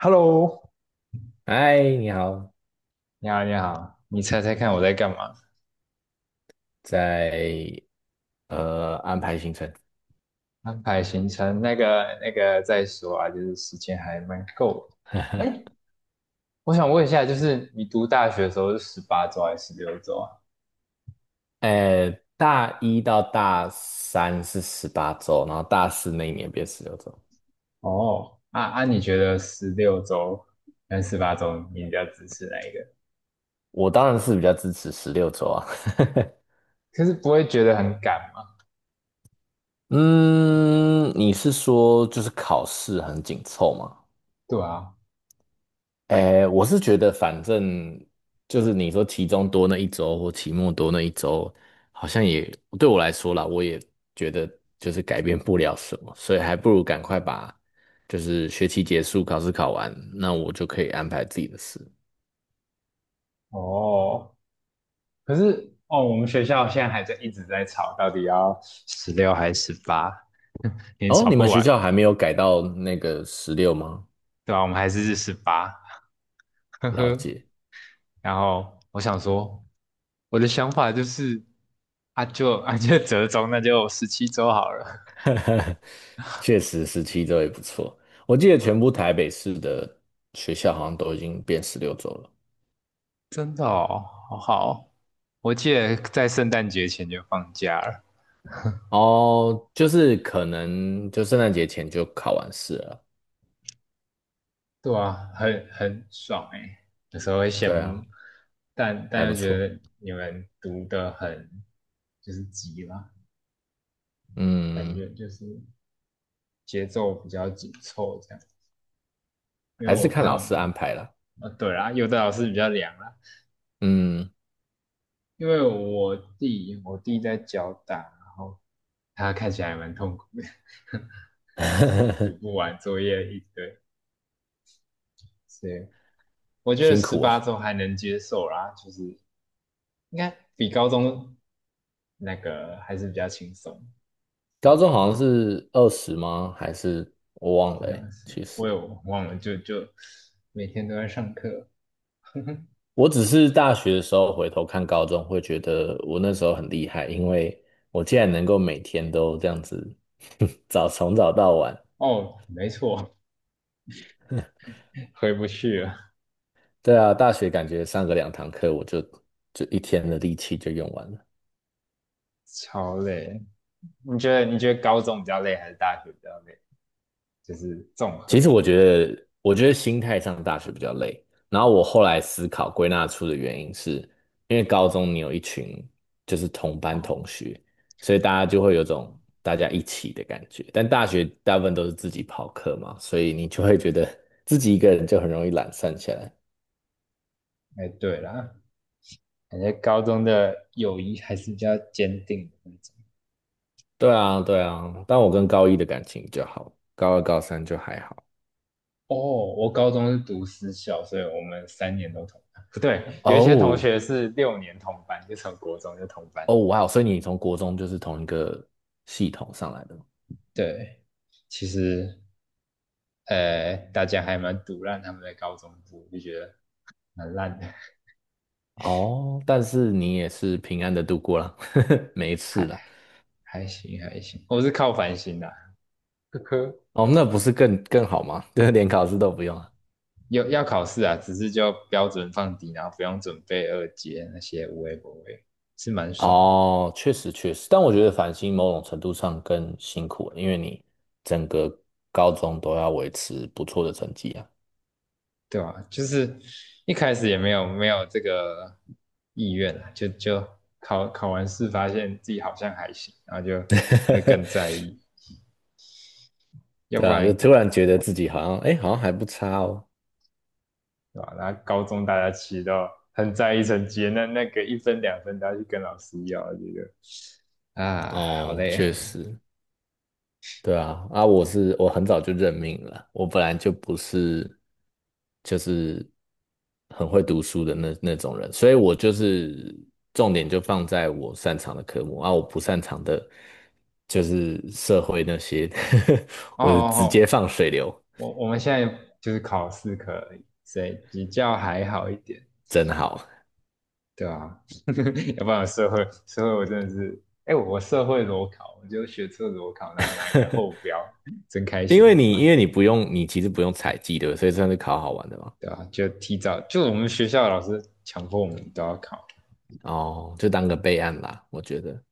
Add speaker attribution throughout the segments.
Speaker 1: Hello，
Speaker 2: 嗨，你好，
Speaker 1: 你好，你好，你猜猜看我在干嘛？
Speaker 2: 在安排行程，
Speaker 1: 安排行程，那个再说啊，就是时间还蛮够的。哎，我想问一下，就是你读大学的时候是十八周还是十六周啊？
Speaker 2: 呃，大一到大三是18周，然后大四那一年变十六周。
Speaker 1: 哦，啊啊，你觉得十六周跟十八周你比较支持哪一个？
Speaker 2: 我当然是比较支持十六周啊。
Speaker 1: 可是不会觉得很赶吗？
Speaker 2: 嗯，你是说就是考试很紧凑吗？
Speaker 1: 对啊，
Speaker 2: 哎，我是觉得反正就是你说期中多那一周或期末多那一周，好像也对我来说啦，我也觉得就是改变不了什么，所以还不如赶快把就是学期结束，考试考完，那我就可以安排自己的事。
Speaker 1: 哦，可是哦，我们学校现在还在一直在吵，到底要十六还是十八？也
Speaker 2: 哦，
Speaker 1: 吵
Speaker 2: 你们
Speaker 1: 不
Speaker 2: 学
Speaker 1: 完。
Speaker 2: 校还没有改到那个十六吗？
Speaker 1: 对吧？我们还是十八，呵
Speaker 2: 了
Speaker 1: 呵。
Speaker 2: 解，
Speaker 1: 然后我想说，我的想法就是，啊就折中，那就17周好了。
Speaker 2: 确实17周也不错。我记得全部台北市的学校好像都已经变十六周了。
Speaker 1: 真的哦，好好，我记得在圣诞节前就放假了。
Speaker 2: 哦，就是可能就圣诞节前就考完试了。
Speaker 1: 对啊，很爽哎，有时候会羡
Speaker 2: 对
Speaker 1: 慕，
Speaker 2: 啊，
Speaker 1: 但
Speaker 2: 还
Speaker 1: 但
Speaker 2: 不
Speaker 1: 又觉
Speaker 2: 错。
Speaker 1: 得你们读的很就是急啦，感
Speaker 2: 嗯，
Speaker 1: 觉就是节奏比较紧凑这样。因为
Speaker 2: 还是
Speaker 1: 我
Speaker 2: 看老师
Speaker 1: 看
Speaker 2: 安排啦。
Speaker 1: 哦对啦，有的老师比较凉啦，
Speaker 2: 嗯，
Speaker 1: 因为我弟在脚打，然后他看起来还蛮痛苦的，书读 不完，作业一堆，所以我觉得
Speaker 2: 辛
Speaker 1: 十
Speaker 2: 苦
Speaker 1: 八
Speaker 2: 啊。
Speaker 1: 周还能接受啦，就是应该比高中那个还是比较轻松。
Speaker 2: 高
Speaker 1: 对，
Speaker 2: 中好像是20吗？还是我忘
Speaker 1: 好
Speaker 2: 了欸
Speaker 1: 像是，
Speaker 2: 其
Speaker 1: 我
Speaker 2: 实
Speaker 1: 有忘了，就每天都在上课。
Speaker 2: 我只是大学的时候回头看高中，会觉得我那时候很厉害，因为我竟然能够每天都这样子 从早到晚。
Speaker 1: 哦，没错，回不去了，
Speaker 2: 对啊，大学感觉上个两堂课，我就一天的力气就用完了。
Speaker 1: 超累。你觉得高中比较累还是大学比较累？就是综
Speaker 2: 其实
Speaker 1: 合
Speaker 2: 我觉得心态上大学比较累。然后我后来思考归纳出的原因是，因为高中你有一群就是同班
Speaker 1: 哦。
Speaker 2: 同学，所以大家就会有种大家一起的感觉。但大学大部分都是自己跑课嘛，所以你就会觉得自己一个人就很容易懒散起来。
Speaker 1: 哎，欸对啦，感觉高中的友谊还是比较坚定的那种。
Speaker 2: 对啊，对啊。但我跟高一的感情就好，高二、高三就还好。
Speaker 1: 哦，我高中是读私校，所以我们3年都同班。不对，有一些同
Speaker 2: 哦
Speaker 1: 学是6年同班，就从国中就同班。
Speaker 2: 哦，哇哦！所以你从国中就是同一个系统上来的
Speaker 1: 对，其实大家还蛮毒烂他们在高中部，就觉得蛮烂的，
Speaker 2: 哦，但是你也是平安的度过了，没事
Speaker 1: 还
Speaker 2: 啦。
Speaker 1: 还行还行。我是靠反省的、啊，呵呵。科
Speaker 2: 哦，那不是更好吗？对，连考试都不用啊。
Speaker 1: 有要考试啊，只是就标准放低，然后不用准备二阶那些无为不为，是蛮爽的，
Speaker 2: 哦，确实确实，但我觉得繁星某种程度上更辛苦了，因为你整个高中都要维持不错的成绩啊。
Speaker 1: 对吧、就是一开始也没有没有这个意愿啊，就考完试发现自己好像还行，然后就会更在 意，要不
Speaker 2: 对啊，就
Speaker 1: 然
Speaker 2: 突然觉得自己好像，哎，好像还不差哦。
Speaker 1: 对吧、然后高中大家其实都很在意成绩，那个一分两分都要去跟老师要，这个啊好
Speaker 2: 哦，
Speaker 1: 累
Speaker 2: 确实。对啊，啊，我是我很早就认命了，我本来就不是就是很会读书的那种人，所以我就是重点就放在我擅长的科目啊，我不擅长的就是社会那些，
Speaker 1: 哦
Speaker 2: 我就
Speaker 1: 哦
Speaker 2: 直接
Speaker 1: 哦，
Speaker 2: 放水流，
Speaker 1: 我们现在就是考4可以，所以比较还好一点，
Speaker 2: 真好，
Speaker 1: 对啊 要不然社会我真的是，哎、欸我社会裸考，我就学测裸考，然后拿一个后标，真开
Speaker 2: 因为
Speaker 1: 心
Speaker 2: 你
Speaker 1: 啊，
Speaker 2: 因为你不用你其实不用采集对不对所以算是考好玩的嘛，
Speaker 1: 对啊，就提早就我们学校的老师强迫我们都要考，
Speaker 2: 哦，就当个备案啦，我觉得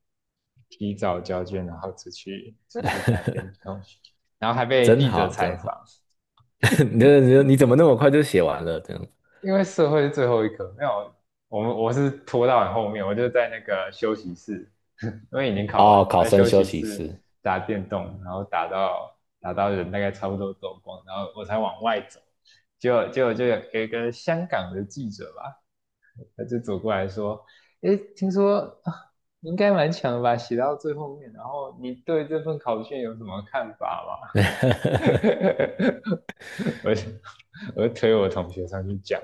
Speaker 1: 提早交卷，然后出去打 电动，然后还被
Speaker 2: 真
Speaker 1: 记者
Speaker 2: 好
Speaker 1: 采
Speaker 2: 真好，
Speaker 1: 访，
Speaker 2: 你这你怎么那么快就写完了这样？
Speaker 1: 因为社会是最后一科，没有，我是拖到很后面，我就在那个休息室，因为已经考完
Speaker 2: 哦，
Speaker 1: 了，
Speaker 2: 考
Speaker 1: 在
Speaker 2: 生
Speaker 1: 休
Speaker 2: 休
Speaker 1: 息
Speaker 2: 息
Speaker 1: 室
Speaker 2: 室
Speaker 1: 打电动，然后打到人大概差不多走光，然后我才往外走，结果就有一个香港的记者吧，他就走过来说，诶，听说啊你应该蛮强的吧，写到最后面，然后你对这份考卷有什么看法吗？我就我就推我同学上去讲。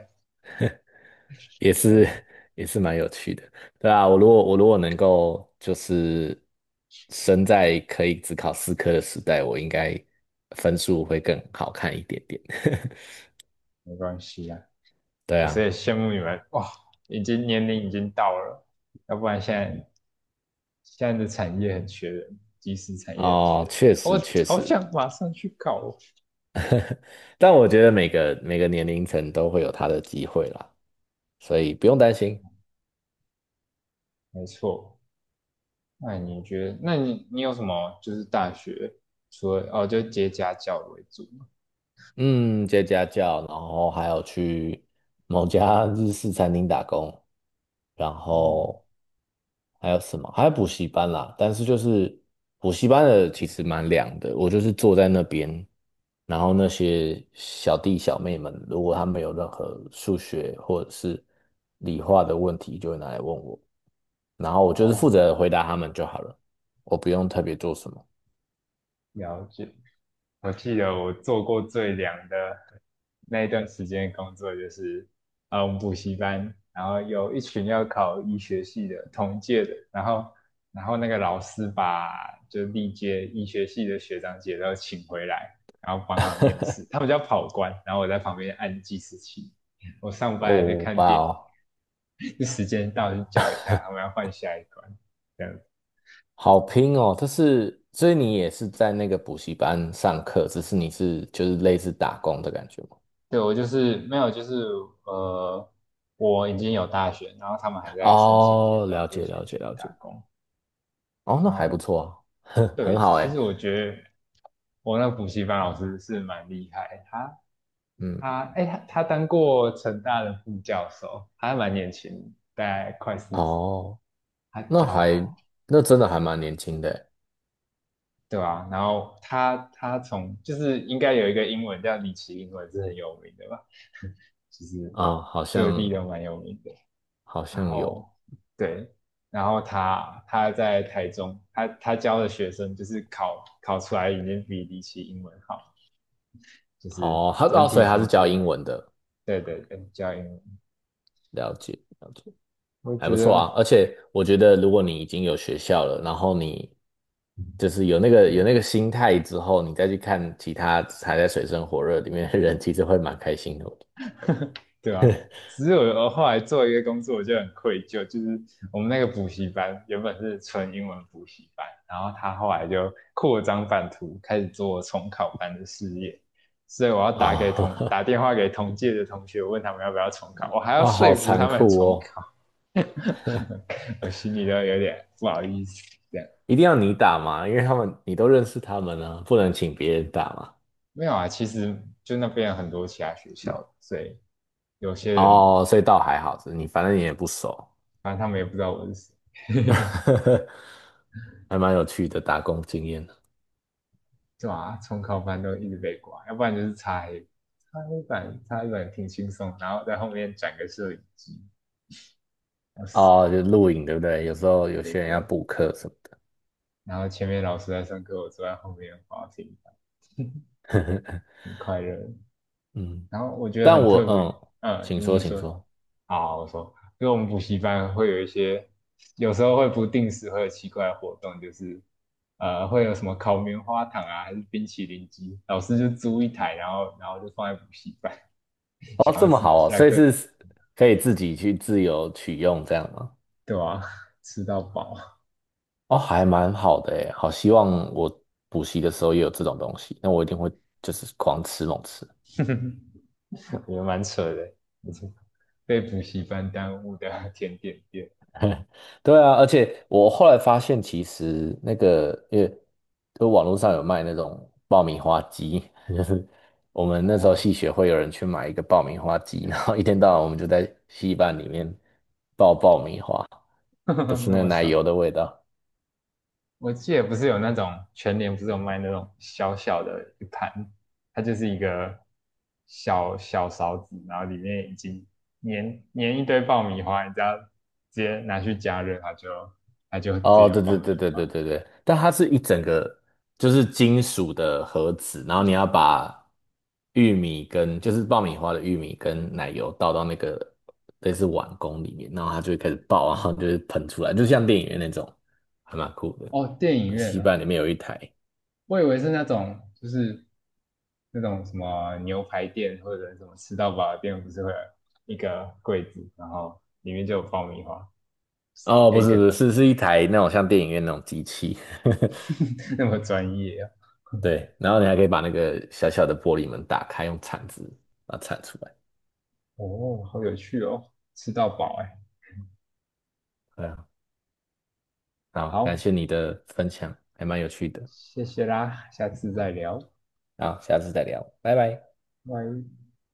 Speaker 2: 也是也是蛮有趣的，对啊，我如果我如果能够就是生在可以只考四科的时代，我应该分数会更好看一点点。
Speaker 1: 没关系啊。
Speaker 2: 对
Speaker 1: 有时
Speaker 2: 啊，
Speaker 1: 也羡慕你们，哇，已经年龄已经到了，要不然现在的产业很缺人，即时产业很缺
Speaker 2: 哦，
Speaker 1: 人，
Speaker 2: 确
Speaker 1: 我
Speaker 2: 实确
Speaker 1: 好
Speaker 2: 实，
Speaker 1: 想马上去搞哦。
Speaker 2: 但我觉得每个年龄层都会有他的机会啦，所以不用担心。
Speaker 1: 没错，那你觉得，那你有什么就是大学除了哦，就接家教为主吗？
Speaker 2: 嗯，接家教，然后还有去某家日式餐厅打工，然
Speaker 1: 哦
Speaker 2: 后还有什么？还有补习班啦。但是就是补习班的其实蛮凉的，我就是坐在那边，然后那些小弟小妹们，如果他们有任何数学或者是理化的问题，就会拿来问我，然后我就是负
Speaker 1: 哦，
Speaker 2: 责回答他们就好了，我不用特别做什么。
Speaker 1: 了解。我记得我做过最凉的那一段时间工作就是，我们补习班，然后有一群要考医学系的同届的，然后那个老师把就历届医学系的学长姐都请回来，然后帮他们面试，他们叫跑官，然后我在旁边按计时器，我上班还在
Speaker 2: 哦，
Speaker 1: 看
Speaker 2: 哇
Speaker 1: 电影，
Speaker 2: 哦。
Speaker 1: 时间到就叫一下，他们要换下一关，
Speaker 2: 好拼哦，但是，所以你也是在那个补习班上课，只是你是就是类似打工的感觉吗？
Speaker 1: 对，我就是没有，就是呃，我已经有大学，然后他们还在申请阶
Speaker 2: 哦，
Speaker 1: 段，
Speaker 2: 了
Speaker 1: 我就
Speaker 2: 解
Speaker 1: 先
Speaker 2: 了解
Speaker 1: 去
Speaker 2: 了
Speaker 1: 打
Speaker 2: 解。
Speaker 1: 工。
Speaker 2: 哦，那
Speaker 1: 然
Speaker 2: 还不
Speaker 1: 后，
Speaker 2: 错啊，
Speaker 1: 对，
Speaker 2: 很好
Speaker 1: 其
Speaker 2: 哎，
Speaker 1: 实我觉得我那补习班老师是蛮厉害，他
Speaker 2: 嗯，
Speaker 1: 他哎、他当过成大的副教授，他还蛮年轻，大概快40，
Speaker 2: 哦，
Speaker 1: 他
Speaker 2: 那
Speaker 1: 教
Speaker 2: 还
Speaker 1: 好，
Speaker 2: 那真的还蛮年轻的欸
Speaker 1: 对啊，然后他从就是应该有一个英文叫李奇英文是很有名的吧，就是
Speaker 2: 啊，好
Speaker 1: 各地
Speaker 2: 像
Speaker 1: 都蛮有名的。
Speaker 2: 好
Speaker 1: 然
Speaker 2: 像有
Speaker 1: 后对，然后他在台中，他教的学生就是考出来已经比离奇英文好，就是
Speaker 2: 哦，他
Speaker 1: 整
Speaker 2: 哦，所
Speaker 1: 体
Speaker 2: 以他是
Speaker 1: 成
Speaker 2: 教
Speaker 1: 绩还
Speaker 2: 英文的，
Speaker 1: 对对对，教英文，
Speaker 2: 了解了解。
Speaker 1: 我
Speaker 2: 还不
Speaker 1: 觉
Speaker 2: 错啊。
Speaker 1: 得
Speaker 2: 而且我觉得，如果你已经有学校了，然后你就是有那个有那个心态之后，你再去看其他还在水深火热里面的人，其实会蛮开心的。
Speaker 1: 对啊，只是我后来做一个工作，我就很愧疚，就是我们那个补习班原本是纯英文补习班，然后他后来就扩张版图，开始做重考班的事业，所以我要
Speaker 2: 啊
Speaker 1: 打电话给同届的同学，问他们要不要重考，我还要
Speaker 2: 啊，好
Speaker 1: 说服
Speaker 2: 残
Speaker 1: 他们
Speaker 2: 酷
Speaker 1: 重
Speaker 2: 哦！
Speaker 1: 考，我心里都有点不好意思。这样
Speaker 2: 一定要你打嘛，因为他们你都认识他们呢、不能请别人打嘛。
Speaker 1: 没有啊，其实就那边有很多其他学校，所以有些人
Speaker 2: 哦，所以倒还好，你反正你也不熟，
Speaker 1: 反正他们也不知道我是谁。
Speaker 2: 还蛮有趣的打工经验的。
Speaker 1: 对啊，重考班都一直被挂，要不然就是擦黑板，挺轻松，然后在后面转个摄影机，哇塞，
Speaker 2: 哦，就录影对不对？有时候
Speaker 1: 对
Speaker 2: 有
Speaker 1: 对
Speaker 2: 些人要
Speaker 1: 对，
Speaker 2: 补课什么的。
Speaker 1: 然后前面老师在上课，我坐在后面滑平板，很快乐。
Speaker 2: 嗯。
Speaker 1: 然后我觉得
Speaker 2: 但
Speaker 1: 很
Speaker 2: 我
Speaker 1: 特别，
Speaker 2: 嗯，
Speaker 1: 嗯，
Speaker 2: 请
Speaker 1: 你
Speaker 2: 说，
Speaker 1: 你
Speaker 2: 请
Speaker 1: 说，
Speaker 2: 说。
Speaker 1: 好，我说，因为我们补习班会有一些，有时候会不定时会有奇怪的活动，就是会有什么烤棉花糖啊，还是冰淇淋机，老师就租一台，然后就放在补习班。
Speaker 2: 哦，
Speaker 1: 想
Speaker 2: 这
Speaker 1: 要
Speaker 2: 么
Speaker 1: 吃的
Speaker 2: 好哦，
Speaker 1: 下
Speaker 2: 所以
Speaker 1: 课
Speaker 2: 是可以自己去自由取用这样吗？
Speaker 1: 对啊，吃到饱，
Speaker 2: 哦，还蛮好的诶，好希望我补习的时候也有这种东西，那我一定会就是狂吃猛吃。
Speaker 1: 也蛮扯的，没错，被补习班耽误的甜点店
Speaker 2: 对啊，而且我后来发现，其实那个因为就网络上有卖那种爆米花机，我们那时候
Speaker 1: 哦，
Speaker 2: 系学会有人去买一个爆米花机，然后一天到晚我们就在戏班里面爆爆米花，都是
Speaker 1: 那
Speaker 2: 那个
Speaker 1: 么
Speaker 2: 奶
Speaker 1: 少。
Speaker 2: 油的味道。
Speaker 1: 我记得不是有那种全年不是有卖那种小小的一盘，它就是一个小小勺子，然后里面已经粘粘一堆爆米花，你只要直接拿去加热，它就直接
Speaker 2: 哦，
Speaker 1: 有
Speaker 2: 对
Speaker 1: 爆
Speaker 2: 对对
Speaker 1: 米
Speaker 2: 对
Speaker 1: 花。
Speaker 2: 对对对，但它是一整个就是金属的盒子，然后你要把玉米跟就是爆米花的玉米跟奶油倒到那个类似碗公里面，然后它就会开始爆啊然后就是喷出来，就像电影院那种，还蛮酷的。
Speaker 1: 哦，电影
Speaker 2: 那
Speaker 1: 院
Speaker 2: 西
Speaker 1: 啊，
Speaker 2: 班里面有一台，
Speaker 1: 我以为是那种就是那种什么牛排店或者什么吃到饱的店，不是会有一个柜子，然后里面就有爆米花，
Speaker 2: 哦，
Speaker 1: 就
Speaker 2: 不
Speaker 1: 一
Speaker 2: 是
Speaker 1: 个
Speaker 2: 不是，是一台那种像电影院那种机器，
Speaker 1: 那么专业啊！
Speaker 2: 对，然后你还可以把那个小小的玻璃门打开，用铲子把它铲出来。
Speaker 1: 哦，好有趣哦，吃到饱哎！
Speaker 2: 对啊，好，感谢
Speaker 1: 好，
Speaker 2: 你的分享，还蛮有趣的。
Speaker 1: 谢谢啦，下次再聊，
Speaker 2: 好，下次再聊，拜拜。
Speaker 1: 拜。